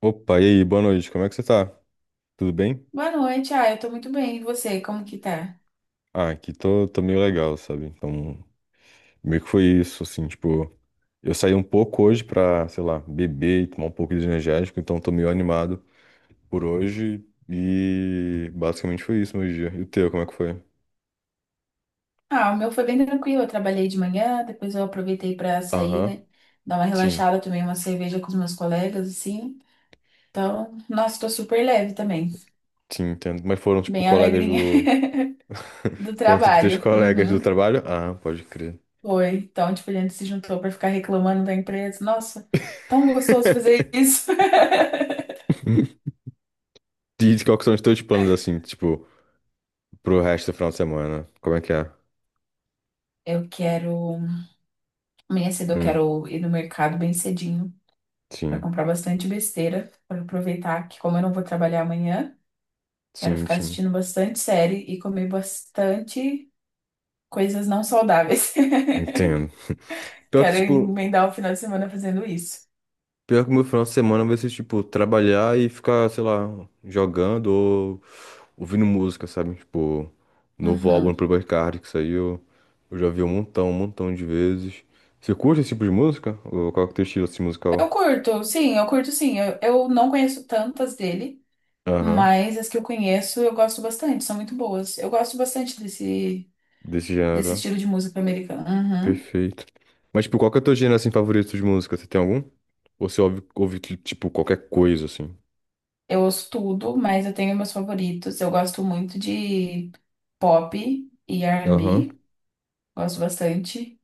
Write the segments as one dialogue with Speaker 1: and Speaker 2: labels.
Speaker 1: Opa, e aí, boa noite, como é que você tá? Tudo bem?
Speaker 2: Boa noite, eu tô muito bem. E você, como que tá?
Speaker 1: Ah, aqui tô meio legal, sabe? Então, meio que foi isso, assim, tipo, eu saí um pouco hoje pra, sei lá, beber e tomar um pouco de energético, então tô meio animado por hoje e basicamente foi isso meu dia. E o teu, como é que foi?
Speaker 2: Ah, o meu foi bem tranquilo. Eu trabalhei de manhã, depois eu aproveitei pra sair,
Speaker 1: Aham,
Speaker 2: né? Dar uma
Speaker 1: sim,
Speaker 2: relaxada, tomei uma cerveja com os meus colegas, assim. Então, nossa, tô super leve também.
Speaker 1: sim, entendo. Mas foram, tipo,
Speaker 2: Bem
Speaker 1: colegas
Speaker 2: alegrinha
Speaker 1: do.
Speaker 2: do
Speaker 1: Foram, tipo, teus
Speaker 2: trabalho.
Speaker 1: colegas do
Speaker 2: Uhum,
Speaker 1: trabalho? Ah, pode crer.
Speaker 2: foi. Então, tipo, a gente se juntou pra ficar reclamando da empresa. Nossa, tão gostoso fazer isso.
Speaker 1: E qual que são os teus planos, assim, tipo, pro resto do final de semana? Como é que é?
Speaker 2: Eu quero. Amanhã cedo eu
Speaker 1: Hum.
Speaker 2: quero ir no mercado bem cedinho pra
Speaker 1: Sim,
Speaker 2: comprar bastante besteira, pra aproveitar que, como eu não vou trabalhar amanhã. Quero
Speaker 1: sim,
Speaker 2: ficar
Speaker 1: sim.
Speaker 2: assistindo bastante série e comer bastante coisas não saudáveis.
Speaker 1: Entendo. Pior que,
Speaker 2: Quero
Speaker 1: tipo,
Speaker 2: emendar o final de semana fazendo isso.
Speaker 1: pior que o meu final de semana vai ser, tipo, trabalhar e ficar, sei lá, jogando ou ouvindo música, sabe? Tipo, novo álbum do
Speaker 2: Uhum.
Speaker 1: Playboi Carti, que saiu, eu já vi um montão de vezes. Você curte esse tipo de música? Ou qual que é o teu estilo, assim,
Speaker 2: Eu
Speaker 1: musical?
Speaker 2: curto, sim, eu curto sim. Eu não conheço tantas dele,
Speaker 1: Aham,
Speaker 2: mas as que eu conheço eu gosto bastante, são muito boas. Eu gosto bastante
Speaker 1: desse gênero,
Speaker 2: desse
Speaker 1: ó.
Speaker 2: estilo de música americana. Uhum.
Speaker 1: Perfeito. Mas, tipo, qual que é o teu gênero, assim, favorito de música? Você tem algum? Ou você ouve, tipo, qualquer coisa, assim?
Speaker 2: Eu ouço tudo, mas eu tenho meus favoritos. Eu gosto muito de pop e
Speaker 1: Aham,
Speaker 2: R&B, gosto bastante.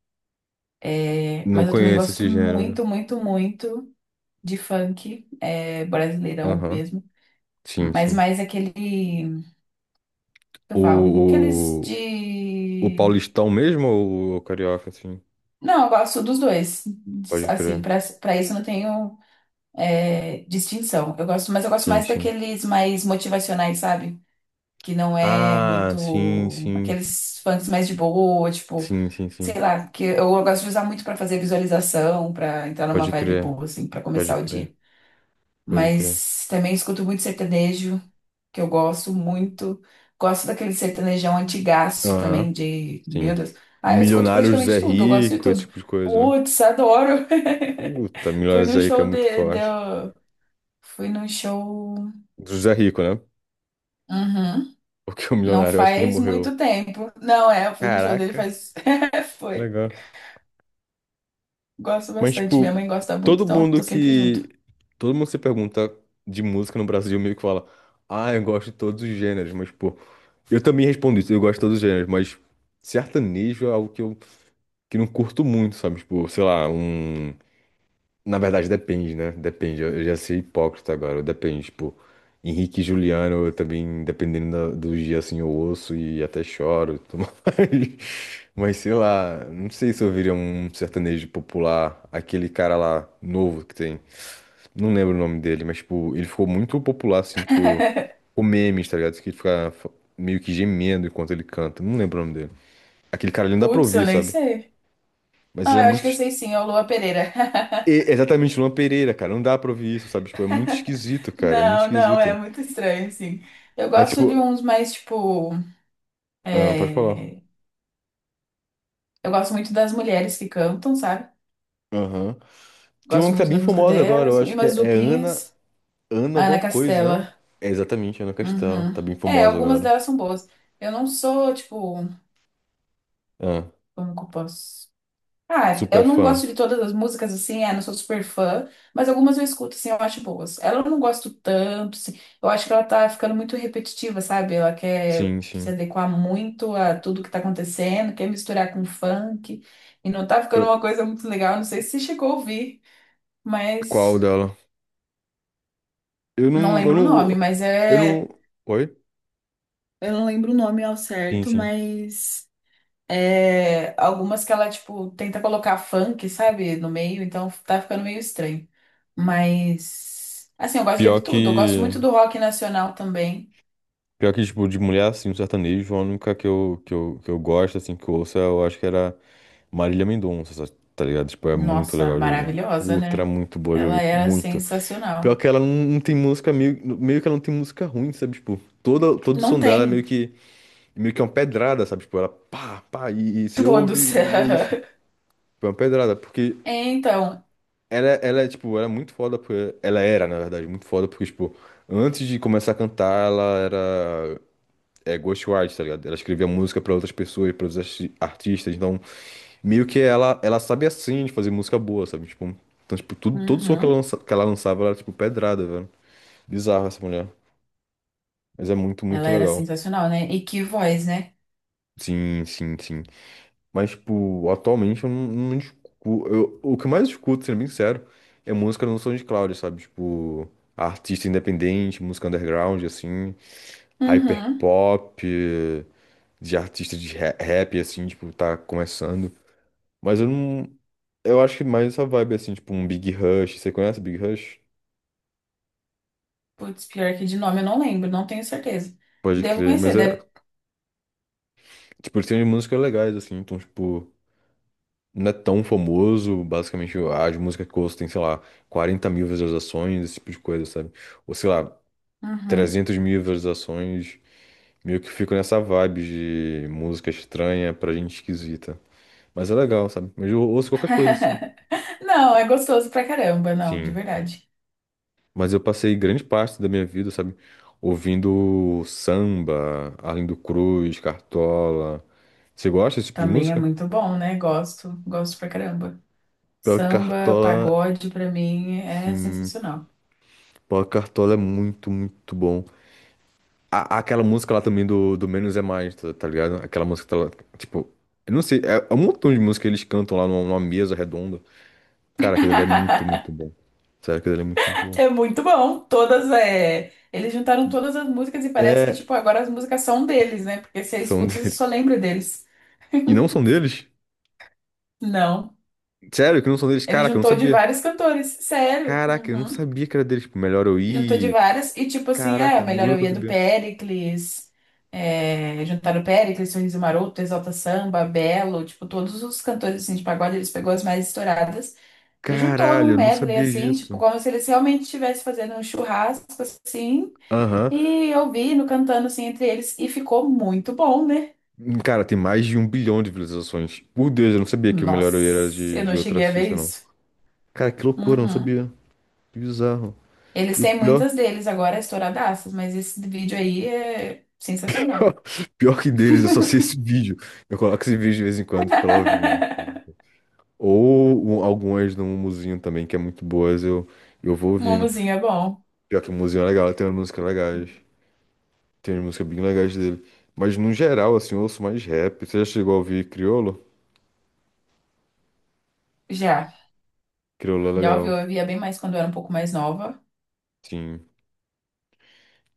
Speaker 2: É,
Speaker 1: não
Speaker 2: mas eu também
Speaker 1: conheço
Speaker 2: gosto
Speaker 1: esse gênero.
Speaker 2: muito, muito, muito de funk, é, brasileirão
Speaker 1: Aham.
Speaker 2: mesmo,
Speaker 1: Sim,
Speaker 2: mas
Speaker 1: sim.
Speaker 2: mais aquele, que eu falo, aqueles
Speaker 1: O, o, o
Speaker 2: de...
Speaker 1: paulistão mesmo ou o carioca, sim?
Speaker 2: Não, eu gosto dos dois,
Speaker 1: Pode
Speaker 2: assim,
Speaker 1: crer.
Speaker 2: pra para isso eu não tenho distinção, eu gosto, mas eu gosto
Speaker 1: Sim,
Speaker 2: mais
Speaker 1: sim.
Speaker 2: daqueles mais motivacionais, sabe? Que não é
Speaker 1: Ah, sim,
Speaker 2: muito,
Speaker 1: sim.
Speaker 2: aqueles funks mais de boa, tipo,
Speaker 1: Sim, sim,
Speaker 2: sei
Speaker 1: sim.
Speaker 2: lá, que eu gosto de usar muito pra fazer visualização, pra entrar numa
Speaker 1: Pode
Speaker 2: vibe
Speaker 1: crer.
Speaker 2: boa, assim, pra
Speaker 1: Pode
Speaker 2: começar o
Speaker 1: crer.
Speaker 2: dia.
Speaker 1: Pode crer.
Speaker 2: Mas também escuto muito sertanejo, que eu gosto muito. Gosto daquele sertanejão antigaço também,
Speaker 1: Aham.
Speaker 2: de.
Speaker 1: Sim.
Speaker 2: Meu Deus. Ah, eu escuto
Speaker 1: Milionário Zé
Speaker 2: praticamente tudo, eu gosto de
Speaker 1: Rico, esse
Speaker 2: tudo.
Speaker 1: tipo de coisa, né?
Speaker 2: Putz, adoro!
Speaker 1: Puta, Milionário
Speaker 2: Fui no
Speaker 1: Zé Rico é
Speaker 2: show
Speaker 1: muito
Speaker 2: de...
Speaker 1: forte.
Speaker 2: Fui no show.
Speaker 1: Do Zé Rico, né?
Speaker 2: Uhum.
Speaker 1: Porque o
Speaker 2: Não
Speaker 1: milionário, eu acho que ele
Speaker 2: faz
Speaker 1: morreu.
Speaker 2: muito tempo. Não, é, eu fui no show dele
Speaker 1: Caraca.
Speaker 2: faz. Foi.
Speaker 1: Legal.
Speaker 2: Gosto
Speaker 1: Mas,
Speaker 2: bastante. Minha
Speaker 1: tipo,
Speaker 2: mãe gosta muito,
Speaker 1: todo
Speaker 2: então eu tô
Speaker 1: mundo
Speaker 2: sempre junto.
Speaker 1: que. Todo mundo que se pergunta de música no Brasil meio que fala, ah, eu gosto de todos os gêneros, mas, pô, eu também respondo isso, eu gosto de todos os gêneros, mas sertanejo é algo que não curto muito, sabe? Tipo, sei lá, um. Na verdade, depende, né? Depende. Eu já sei hipócrita agora. Depende, tipo, Henrique e Juliano, eu também, dependendo do dia, assim, eu ouço e até choro e tudo mais. Mas sei lá, não sei se eu ouviria um sertanejo popular, aquele cara lá novo que tem. Não lembro o nome dele, mas, tipo, ele ficou muito popular, assim, tipo, com memes, tá ligado? Que ele fica meio que gemendo enquanto ele canta. Não lembro o nome dele. Aquele cara ali não dá pra
Speaker 2: Putz, eu
Speaker 1: ouvir,
Speaker 2: nem
Speaker 1: sabe?
Speaker 2: sei.
Speaker 1: Mas ele é
Speaker 2: Ah, eu acho que
Speaker 1: muito,
Speaker 2: eu sei sim, é o Lua Pereira.
Speaker 1: Exatamente, Luan Pereira, cara. Não dá pra ouvir isso, sabe? Tipo, é muito esquisito, cara. É muito
Speaker 2: Não, não, é
Speaker 1: esquisito.
Speaker 2: muito estranho, assim. Eu
Speaker 1: Aí,
Speaker 2: gosto de
Speaker 1: tipo,
Speaker 2: uns mais, tipo.
Speaker 1: ah, pode falar.
Speaker 2: é, Eu gosto muito das mulheres que cantam, sabe?
Speaker 1: Aham. Tem uma
Speaker 2: Gosto
Speaker 1: que tá
Speaker 2: muito
Speaker 1: bem
Speaker 2: das músicas
Speaker 1: famosa agora, eu
Speaker 2: delas. E
Speaker 1: acho que é,
Speaker 2: umas
Speaker 1: é Ana.
Speaker 2: duplinhas.
Speaker 1: Ana alguma
Speaker 2: Ana
Speaker 1: coisa, né?
Speaker 2: Castela.
Speaker 1: É exatamente, Ana Castela. Tá
Speaker 2: Uhum.
Speaker 1: bem
Speaker 2: É,
Speaker 1: famosa
Speaker 2: algumas
Speaker 1: agora.
Speaker 2: delas são boas. Eu não sou, tipo.
Speaker 1: Ah,
Speaker 2: Como que eu posso. Ah,
Speaker 1: super
Speaker 2: eu não
Speaker 1: fã.
Speaker 2: gosto de todas as músicas assim, não sou super fã, mas algumas eu escuto assim, eu acho boas. Ela eu não gosto tanto, assim, eu acho que ela tá ficando muito repetitiva, sabe? Ela quer
Speaker 1: Sim,
Speaker 2: se
Speaker 1: sim.
Speaker 2: adequar muito a tudo que tá acontecendo, quer misturar com funk, e não tá ficando
Speaker 1: Eu-
Speaker 2: uma coisa muito legal. Não sei se você chegou a ouvir,
Speaker 1: qual
Speaker 2: mas
Speaker 1: dela? Eu
Speaker 2: não
Speaker 1: não. Eu
Speaker 2: lembro o nome,
Speaker 1: não.
Speaker 2: mas
Speaker 1: Eu
Speaker 2: é.
Speaker 1: não. Oi?
Speaker 2: Eu não lembro o nome ao
Speaker 1: Sim,
Speaker 2: certo,
Speaker 1: sim.
Speaker 2: mas. Algumas que ela, tipo, tenta colocar funk, sabe, no meio, então tá ficando meio estranho. Mas, assim, eu gosto de
Speaker 1: Pior
Speaker 2: ouvir tudo. Eu gosto
Speaker 1: que.
Speaker 2: muito do rock nacional também.
Speaker 1: Pior que, tipo, de mulher, assim, no sertanejo, a única que eu gosto, assim, que eu ouço, eu acho que era Marília Mendonça, tá ligado? Tipo, é muito
Speaker 2: Nossa,
Speaker 1: legal de ouvir.
Speaker 2: maravilhosa,
Speaker 1: Puta, era
Speaker 2: né?
Speaker 1: muito boa de
Speaker 2: Ela
Speaker 1: ouvir,
Speaker 2: era
Speaker 1: muito. Pior
Speaker 2: sensacional.
Speaker 1: que ela não tem música, meio que ela não tem música ruim, sabe? Tipo, todo o
Speaker 2: Não
Speaker 1: som dela é
Speaker 2: tem
Speaker 1: meio que é uma pedrada, sabe? Tipo, ela pá, pá, e você ouve
Speaker 2: todos.
Speaker 1: e é isso. Tipo, é uma pedrada, porque
Speaker 2: É, então,
Speaker 1: ela é, tipo, ela é muito foda, porque ela era, na verdade, muito foda, porque, tipo, antes de começar a cantar, ela era é ghostwriter, tá ligado? Ela escrevia música pra outras pessoas, pra outros artistas, então meio que ela sabe assim de fazer música boa, sabe? Tipo, então tipo, tudo todo som que ela
Speaker 2: uhum.
Speaker 1: que ela lançava era tipo pedrada, velho. Bizarra essa mulher, mas é muito
Speaker 2: Ela
Speaker 1: muito
Speaker 2: era
Speaker 1: legal.
Speaker 2: sensacional, né? E que voz, né?
Speaker 1: Sim, sim, sim. Mas tipo, atualmente eu não, não escuto, o que eu mais escuto, sendo bem sincero, é música no SoundCloud, sabe? Tipo, artista independente, música underground assim,
Speaker 2: Uhum.
Speaker 1: hyperpop, de artista de rap assim, tipo, tá começando. Mas eu não. Eu acho que mais essa vibe, assim, tipo, um Big Rush. Você conhece Big Rush?
Speaker 2: Putz, pior que de nome eu não lembro, não tenho certeza.
Speaker 1: Pode
Speaker 2: Devo
Speaker 1: crer, mas
Speaker 2: conhecer,
Speaker 1: é.
Speaker 2: deve.
Speaker 1: Tipo, eles têm umas músicas legais, assim, então, tipo, não é tão famoso. Basicamente, as músicas que eu ouço tem, sei lá, 40 mil visualizações, esse tipo de coisa, sabe? Ou sei lá,
Speaker 2: Uhum.
Speaker 1: 300 mil visualizações. Meio que fico nessa vibe de música estranha pra gente esquisita. Mas é legal, sabe? Mas eu ouço qualquer coisa, assim.
Speaker 2: Não, é gostoso pra caramba, não, de
Speaker 1: Sim.
Speaker 2: verdade.
Speaker 1: Mas eu passei grande parte da minha vida, sabe, ouvindo samba, Arlindo Cruz, Cartola. Você gosta desse tipo de
Speaker 2: Também é
Speaker 1: música?
Speaker 2: muito bom, né? Gosto, gosto pra caramba.
Speaker 1: Pior que
Speaker 2: Samba,
Speaker 1: Cartola,
Speaker 2: pagode, pra mim é
Speaker 1: sim.
Speaker 2: sensacional.
Speaker 1: Pior que Cartola é muito, muito bom. Aquela música lá também do Menos é Mais, tá ligado? Aquela música que tá lá, tipo, eu não sei, é um montão de música que eles cantam lá numa mesa redonda. Cara, aquilo ali é muito, muito bom. Sério, aquilo ali é muito, muito bom.
Speaker 2: É muito bom. Todas é. Eles juntaram todas as músicas e parece que,
Speaker 1: É,
Speaker 2: tipo, agora as músicas são deles, né? Porque você
Speaker 1: são
Speaker 2: escuta, você
Speaker 1: dele.
Speaker 2: só lembra deles.
Speaker 1: E não são deles?
Speaker 2: Não.
Speaker 1: Sério que não são deles?
Speaker 2: Ele
Speaker 1: Caraca, eu não
Speaker 2: juntou de
Speaker 1: sabia.
Speaker 2: vários cantores. Sério.
Speaker 1: Caraca, eu não
Speaker 2: Uhum.
Speaker 1: sabia que era deles. Tipo, melhor eu
Speaker 2: Juntou de
Speaker 1: ir.
Speaker 2: várias. E, tipo assim,
Speaker 1: Caraca, não
Speaker 2: Melhor
Speaker 1: juro
Speaker 2: Eu
Speaker 1: que eu não
Speaker 2: Ia do
Speaker 1: sabia.
Speaker 2: Péricles. É, juntaram o Péricles, Sorriso Maroto, Exalta Samba, Belo. Tipo, todos os cantores, assim, de pagode, eles pegou as mais estouradas. E juntou num
Speaker 1: Caralho, eu não
Speaker 2: medley,
Speaker 1: sabia
Speaker 2: assim, tipo,
Speaker 1: disso.
Speaker 2: como se eles realmente estivessem fazendo um churrasco, assim,
Speaker 1: Aham.
Speaker 2: e ouvindo, cantando, assim, entre eles, e ficou muito bom, né?
Speaker 1: Hum. Cara, tem mais de 1 bilhão de visualizações. Meu Deus, eu não sabia que o melhor eu ir era
Speaker 2: Nossa, eu
Speaker 1: de,
Speaker 2: não
Speaker 1: de outro
Speaker 2: cheguei a ver
Speaker 1: artista, não.
Speaker 2: isso.
Speaker 1: Cara, que loucura, eu não
Speaker 2: Uhum.
Speaker 1: sabia. Que bizarro.
Speaker 2: Eles
Speaker 1: E o
Speaker 2: têm
Speaker 1: pior,
Speaker 2: muitas deles agora estouradaças, mas esse vídeo aí é sensacional.
Speaker 1: pior que deles, eu só sei esse vídeo. Eu coloco esse vídeo de vez em quando e fico lá ouvindo. Ou algumas no Muzinho também, que é muito boas, eu vou ouvindo.
Speaker 2: Mumuzinho é bom.
Speaker 1: Pior que o Muzinho é legal, tem umas músicas legais. Tem umas músicas bem legais dele. Mas no geral, assim, eu ouço mais rap. Você já chegou a ouvir Criolo?
Speaker 2: Já,
Speaker 1: Criolo é
Speaker 2: já
Speaker 1: legal.
Speaker 2: ouviu, eu via bem mais quando eu era um pouco mais nova.
Speaker 1: Sim.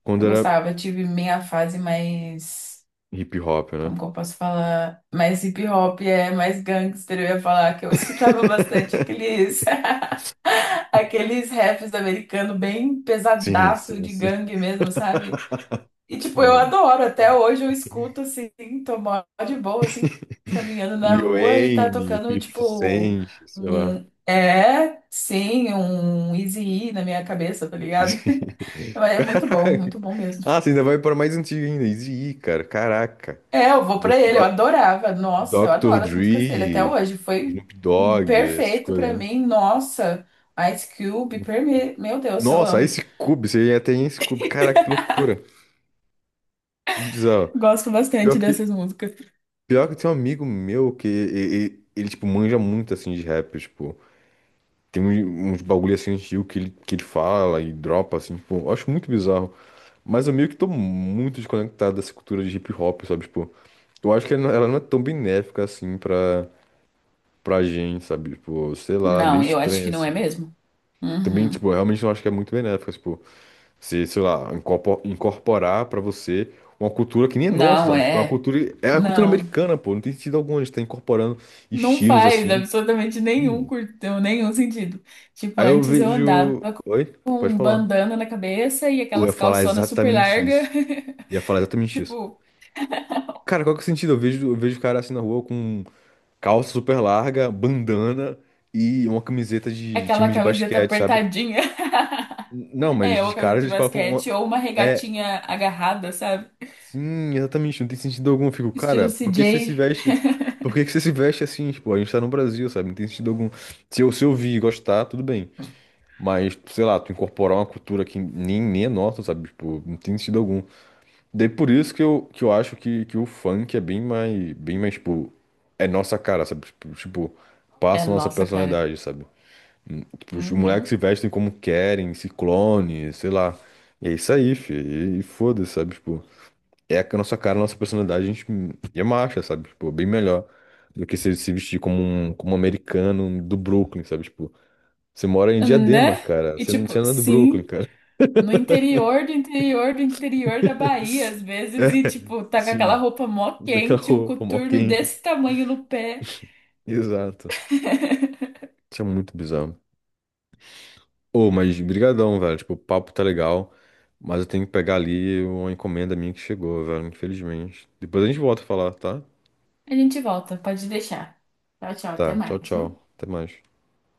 Speaker 1: Quando
Speaker 2: Eu
Speaker 1: era
Speaker 2: gostava, eu tive minha fase mais.
Speaker 1: hip hop, né?
Speaker 2: Como que eu posso falar? Mais hip hop, é mais gangster. Eu ia falar que eu escutava bastante aqueles, aqueles raps americanos bem
Speaker 1: Sim,
Speaker 2: pesadaço
Speaker 1: sim,
Speaker 2: de
Speaker 1: sim.
Speaker 2: gangue mesmo, sabe? E tipo, eu adoro. Até hoje eu escuto assim, tô mó de boa, assim, caminhando na
Speaker 1: Lil
Speaker 2: rua e tá
Speaker 1: Wayne,
Speaker 2: tocando,
Speaker 1: 50
Speaker 2: tipo,
Speaker 1: Cent, sei lá.
Speaker 2: É, sim, um Eazy-E na minha cabeça, tá ligado? Mas é
Speaker 1: Caraca.
Speaker 2: muito bom mesmo.
Speaker 1: Ah, você ainda vai para mais antigo ainda. Eazy-E, cara. Caraca.
Speaker 2: É, eu vou
Speaker 1: Do-
Speaker 2: pra ele, eu
Speaker 1: Do-
Speaker 2: adorava. Nossa, eu
Speaker 1: Dr.
Speaker 2: adoro as músicas dele até
Speaker 1: Dre,
Speaker 2: hoje. Foi
Speaker 1: Snoop Dogg, essas
Speaker 2: perfeito
Speaker 1: coisas,
Speaker 2: pra
Speaker 1: né?
Speaker 2: mim. Nossa, Ice Cube, perme... meu Deus, eu
Speaker 1: Nossa,
Speaker 2: amo.
Speaker 1: Ice Cube. Você até Ice Cube. Caraca, que loucura. Que bizarro.
Speaker 2: Gosto
Speaker 1: Pior
Speaker 2: bastante
Speaker 1: que
Speaker 2: dessas músicas.
Speaker 1: Pior que tem um amigo meu que ele, tipo, manja muito, assim, de rap, tipo... Tem uns bagulho, assim, antigo que ele fala e dropa, assim, tipo... Eu acho muito bizarro. Mas eu meio que tô muito desconectado dessa cultura de hip hop, sabe? Tipo, eu acho que ela não é tão benéfica, assim, pra gente, sabe? Tipo, sei lá, é meio
Speaker 2: Não, eu acho
Speaker 1: estranha,
Speaker 2: que não é
Speaker 1: assim.
Speaker 2: mesmo.
Speaker 1: Também,
Speaker 2: Uhum.
Speaker 1: tipo, eu realmente não acho que é muito benéfica, tipo... Se, sei lá, incorporar pra você uma cultura que nem é nossa,
Speaker 2: Não
Speaker 1: sabe? Tipo, é uma
Speaker 2: é.
Speaker 1: cultura... É a cultura
Speaker 2: Não.
Speaker 1: americana, pô. Não tem sentido algum a gente tá incorporando
Speaker 2: Não
Speaker 1: estilos
Speaker 2: faz
Speaker 1: assim.
Speaker 2: absolutamente nenhum
Speaker 1: Hum.
Speaker 2: curtão, nenhum sentido. Tipo,
Speaker 1: Aí eu
Speaker 2: antes eu andava
Speaker 1: vejo. Oi?
Speaker 2: com
Speaker 1: Pode
Speaker 2: um
Speaker 1: falar.
Speaker 2: bandana na cabeça e
Speaker 1: Eu ia
Speaker 2: aquelas
Speaker 1: falar
Speaker 2: calçonas super
Speaker 1: exatamente
Speaker 2: largas.
Speaker 1: isso. Ia falar exatamente isso.
Speaker 2: Tipo,
Speaker 1: Cara, qual que é o sentido? Eu vejo cara assim na rua com calça super larga, bandana e uma camiseta de
Speaker 2: aquela
Speaker 1: time de
Speaker 2: camiseta
Speaker 1: basquete, sabe?
Speaker 2: apertadinha.
Speaker 1: Não, mas
Speaker 2: É, ou
Speaker 1: de
Speaker 2: a camisa
Speaker 1: cara
Speaker 2: de
Speaker 1: eles colocam uma.
Speaker 2: basquete, ou uma
Speaker 1: É,
Speaker 2: regatinha agarrada, sabe?
Speaker 1: sim, exatamente. Não tem sentido algum. Eu fico, cara,
Speaker 2: Estilo C
Speaker 1: por que você se
Speaker 2: J.
Speaker 1: veste? Por que que você se veste é assim? Tipo, a gente tá no Brasil, sabe? Não tem sentido algum. Se eu vi e gostar, tudo bem. Mas, sei lá, tu incorporar uma cultura que nem é nossa, sabe? Tipo, não tem sentido algum. Daí por isso que eu acho que o funk é bem mais, tipo, é nossa cara, sabe? Tipo,
Speaker 2: É,
Speaker 1: passa a nossa
Speaker 2: nossa, cara.
Speaker 1: personalidade, sabe? Hum. Tipo, os moleques
Speaker 2: Uhum.
Speaker 1: se vestem como querem, ciclone, sei lá. E é isso aí, fi. E foda-se, sabe? Tipo, é a nossa cara, a nossa personalidade, a gente é marcha, sabe? Tipo, bem melhor do que se vestir como um, americano do Brooklyn, sabe? Tipo, você mora em Diadema,
Speaker 2: Né?
Speaker 1: cara.
Speaker 2: E
Speaker 1: Você não, você
Speaker 2: tipo,
Speaker 1: não é do Brooklyn,
Speaker 2: sim,
Speaker 1: cara.
Speaker 2: no interior do interior do interior da Bahia, às
Speaker 1: É,
Speaker 2: vezes, e tipo, tá com aquela
Speaker 1: sim.
Speaker 2: roupa mó
Speaker 1: Daquela
Speaker 2: quente, um
Speaker 1: roupa, mó
Speaker 2: coturno
Speaker 1: quente.
Speaker 2: desse tamanho no pé.
Speaker 1: Exato. Isso é muito bizarro. Ô, mas brigadão, velho. Tipo, o papo tá legal, mas eu tenho que pegar ali uma encomenda minha que chegou, velho, infelizmente. Depois a gente volta a falar, tá?
Speaker 2: A gente volta, pode deixar. Tchau, tchau, até
Speaker 1: Tá, tchau,
Speaker 2: mais, viu?
Speaker 1: tchau. Até mais.